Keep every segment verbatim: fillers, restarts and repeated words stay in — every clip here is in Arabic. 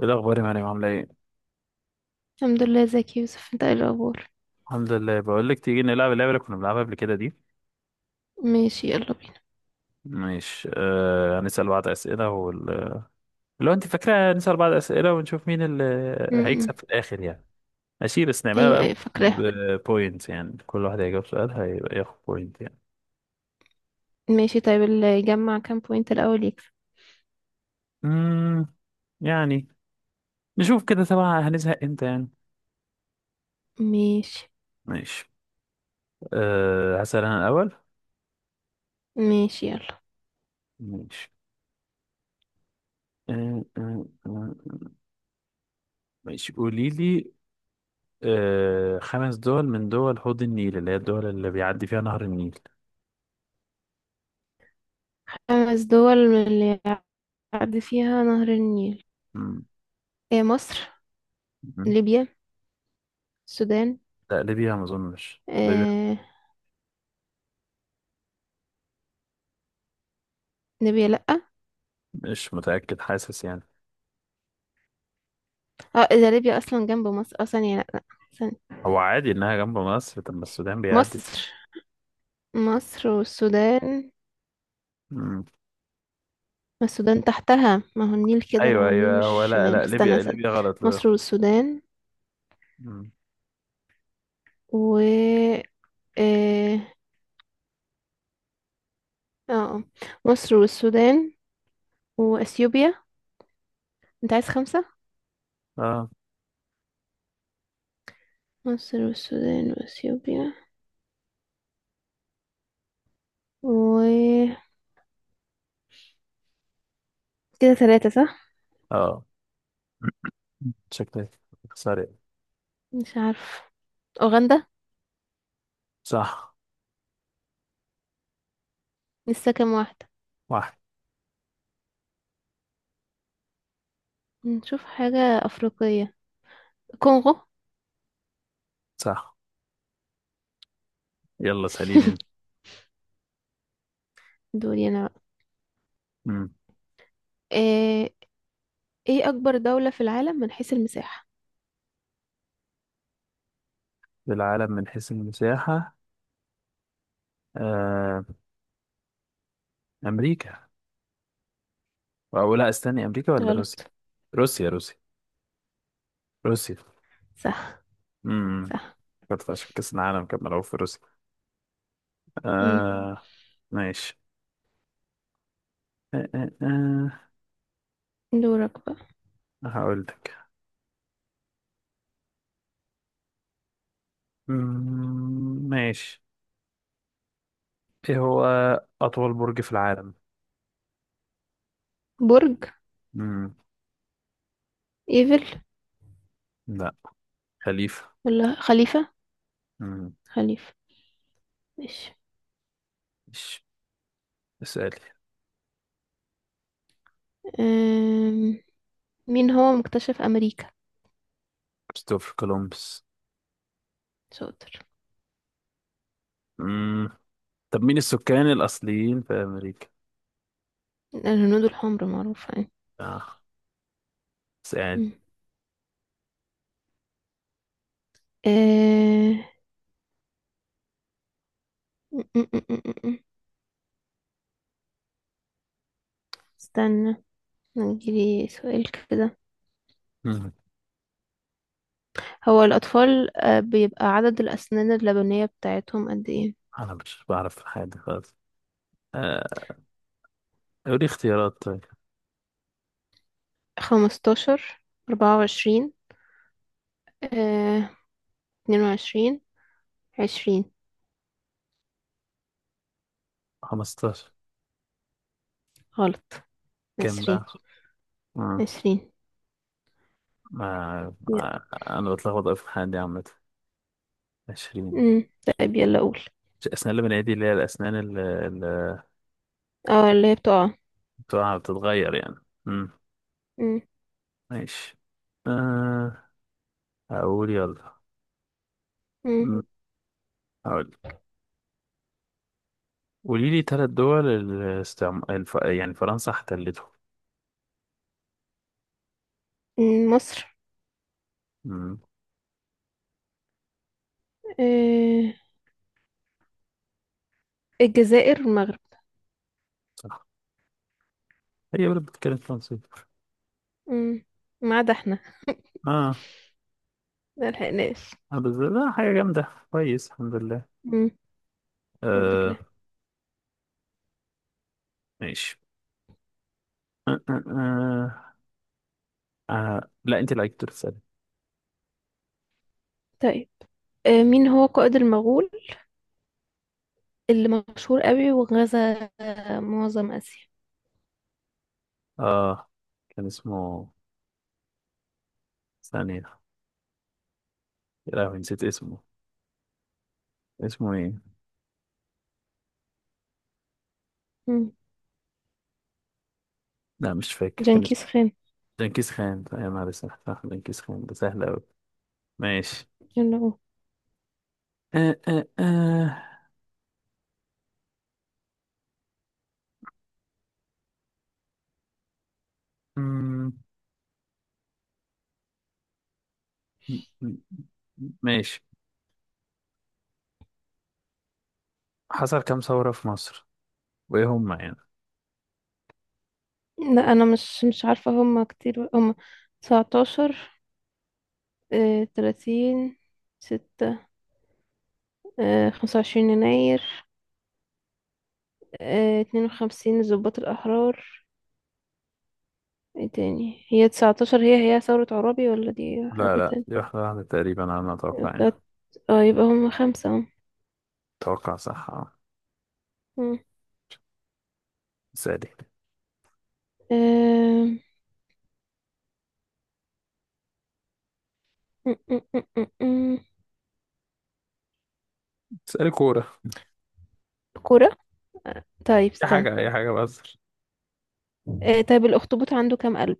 ايه الاخبار يا مريم؟ عامله ايه؟ الحمد لله. ازيك يا يوسف، انت ايه الاخبار؟ الحمد لله. بقول لك، تيجي نلعب اللعبه اللي كنا بنلعبها قبل كده دي؟ ماشي، يلا بينا. مش، آه هنسال بعض اسئله وال... لو انت فاكره، نسال بعض اسئله ونشوف مين اللي م- م. هيكسب في الاخر يعني. ماشي، بس ايوه، نعملها ايوه، بقى. فاكراها. بوينت يعني، كل واحد هيجاوب سؤال هيبقى ياخد بوينت يعني. ماشي. طيب، اللي يجمع كام بوينت الاول يكسب؟ امم يعني، نشوف كده طبعا هنزهق امتى يعني. ماشي، ماشي. آه هسال انا الاول. ماشي، يلا. ماشي. آه آه آه. آه. ماشي، قولي لي. آه، خمس دول من دول حوض النيل، اللي هي الدول اللي بيعدي فيها نهر النيل؟ خمس دول من اللي يعدي فيها نهر النيل. مم. إيه، مصر، مم. ليبيا، السودان. لا، ليبيا ما اظنش ليبيا. إيه؟ ليبيا لأ. مش متأكد، حاسس يعني. اه، اذا ليبيا اصلا جنب مصر، اه، ثانية، لأ، لأ، ثانية. هو عادي انها جنب مصر؟ طب ما السودان بيعدي. مصر، مصر والسودان. مم. ما السودان تحتها، ما هو النيل كده، ايوه هو النيل ايوه، مش هو لا شمال. لا، استنى، ليبيا استنى. ليبيا غلط، لا. مصر والسودان مم. و اه اه آه. مصر والسودان واثيوبيا. انت عايز خمسة؟ اه. مصر والسودان واثيوبيا و كده ثلاثة، صح؟ اه. شكلك سريع. مش عارف. اوغندا. صح. لسه كام واحدة؟ واحد. نشوف حاجة افريقية. كونغو. صح. يلا، سأليني انت. دوري انا بقى. مم. آه، ايه اكبر دولة في العالم من حيث المساحة؟ العالم من حيث المساحة. آه. امريكا. او لا، استني، امريكا ولا روسيا؟ غلط. روسيا، روسيا. روسيا. صح، امم صح. كانت عشان كأس العالم كان ملعوب في روسيا. مم. آه. ماشي. آه آه آه. دورك بقى. هقول لك. مم، ماشي. ايه هو أطول برج في العالم؟ برج مم. ايفل لا. خليفة. ولا خليفة. مم. خليفة. ماشي. مش اسألي. آم، مين هو مكتشف امريكا؟ كريستوفر كولومبس. شاطر. مم. طب مين السكان الأصليين في أمريكا؟ الهنود الحمر، معروفة يعني. آه. اسألي. مم. آه، م- م- م- م- م. استنى، نجيلي سؤال كده. مم. هو الأطفال آه، بيبقى عدد الأسنان اللبنية بتاعتهم قد ايه؟ أنا مش بعرف حاجة خالص. آه. قولي اختيارات طيب. خمستاشر، أربعة وعشرين، آه، اتنين وعشرين، عشرين. خمستاشر. غلط. كام بقى؟ عشرين، عشرين. ما يا. ما- انا بتلخبط أوي في الحاجات دي عامه. عشرين. مم. طيب، يلا قول. الاسنان اللي بنعيدي، اللي هي الاسنان اللي, اللي اه، اللي هي بتقع. بتوعها بتتغير يعني. امم مم. ماشي. أه. هقول، يلا. مم. أمم، هقول. قولي لي ثلاث دول الاستعم... الف... يعني فرنسا احتلته. مم. مصر، امم آه، الجزائر، المغرب. صح. هي بلد بتتكلم فرنسي؟ مم. ما عدا احنا، اه. ملحقناش. آه، بس لا حاجه جامده، كويس الحمد لله. الحمد لله. آه. ماشي. آه آه آه. آه. لا، انت اللي عليك تسألي. طيب، آه، مين هو قائد المغول اللي مشهور قوي وغزا آه، معظم آسيا؟ اه. كان اسمه، ثانية، يا لهوي نسيت اسمه، اسمه ايه؟ مم. لا مش فاكر كان اسمه. جنكيز خان. دنكيز خان، يا نهار اسود، صح، دنكيز خان ده سهل اوي. ماشي. يلا. آه آه آه. مم، مم، مم، ماشي. حصل كام ثورة في مصر؟ وايه هم يعني؟ لا، أنا مش مش عارفة. هم كتير. هم تسعتاشر، آه، ثلاثين، ستة، آه، خمسة وعشرين يناير، آه، اتنين وخمسين ضباط الأحرار. ايه تاني؟ هي تسعة عشر، هي هي ثورة عرابي ولا دي لا حاجة لا، دي تانية؟ واحدة واحدة تقريبا على ما اتوقع يعني. تلات- اه، يبقى هم خمسة اهو. اتوقع، صح، اه. مم. سألي. آه، م- م- م- م- م. سألي كورة. كرة. طيب، اي استنى. حاجة اي حاجة، بهزر. آه طيب، الأخطبوط عنده كام قلب؟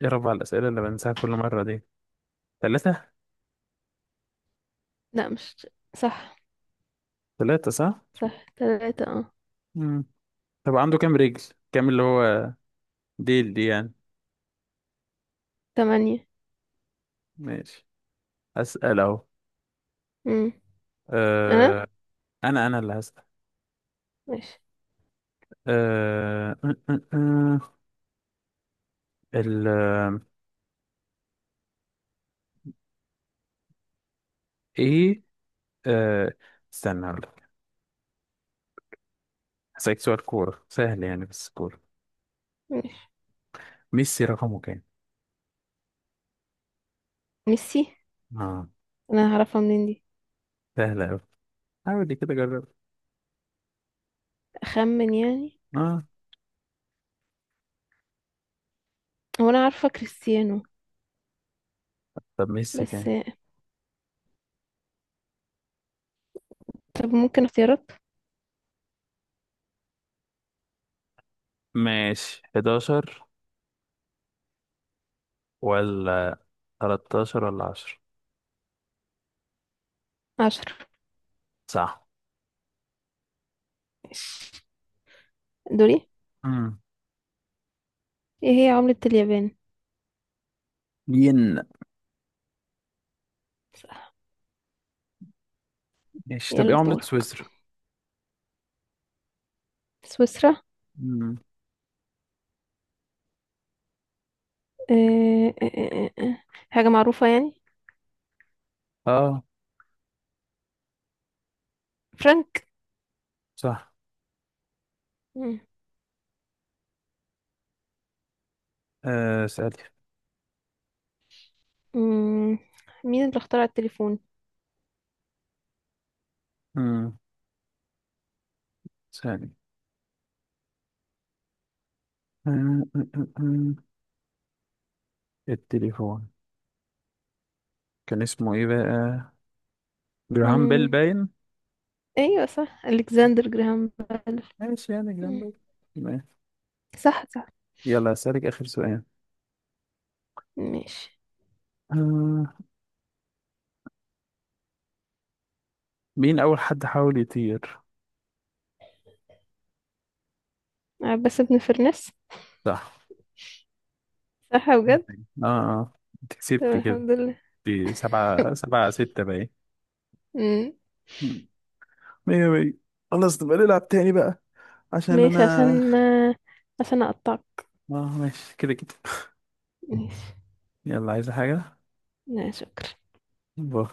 يا رب على الأسئلة اللي بنساها كل مرة دي. ثلاثة. لا، مش. صح، ثلاثة صح. صح، تلاتة، اه. مم. طب عنده كام رجل؟ كام اللي هو، ديل دي يعني؟ تمانية. ماشي. أسأل اهو. مم. أنا؟ أه... انا انا اللي هسأل. ماشي، أه... أه... أه... أه. ال آه، ايه. أه... استنى، هقول لك. هسألك سؤال كورة سهل يعني، بس كورة. ماشي. ميسي رقمه كام؟ ميسي؟ اه. أنا هعرفها منين دي؟ سهل أوي. حاول دي كده، جرب. أخمن يعني. اه. هو أنا عارفة كريستيانو. طب ميسي كام؟ بس. آه، طب ممكن اختيارات؟ ماشي، حداشر ولا تلتاشر ولا عشرة؟ عشرة. صح. ماشي، دوري. امم ايه هي عملة اليابان؟ ين. صح. ماشي. طب ايه يلا عملة دور. سويسرا؟ سويسرا. امم آه، آه، آه، آه. آه. حاجة معروفة يعني. اه. فرانك. صح. مم. أه... سألي. مم. مين اللي اخترع التليفون؟ امم سألي. أه... أه... أه... أه. آه. التليفون. كان اسمه ايه بقى؟ جراهام بيل مم. باين. ايوه، صح، الكسندر جراهام بيل. ماشي يعني، جراهام مم. بيل. ماشي. صح، صح، يلا، أسألك آخر سؤال. ماشي. آه. مين أول حد حاول يطير؟ عباس بن فرناس. صح. صح، مم. بجد. اه اه، انت طب كسبتي كده. الحمد لله. دي سبعة سبعة ستة باين. مم. مم. مية مية. خلاص، نبقى نلعب تاني بقى. عشان ماشي، انا. عشان آه، عشان اقطعك. اه، ماشي كده كده. ماشي، يلا، عايزة حاجة؟ لا شكرا. باي.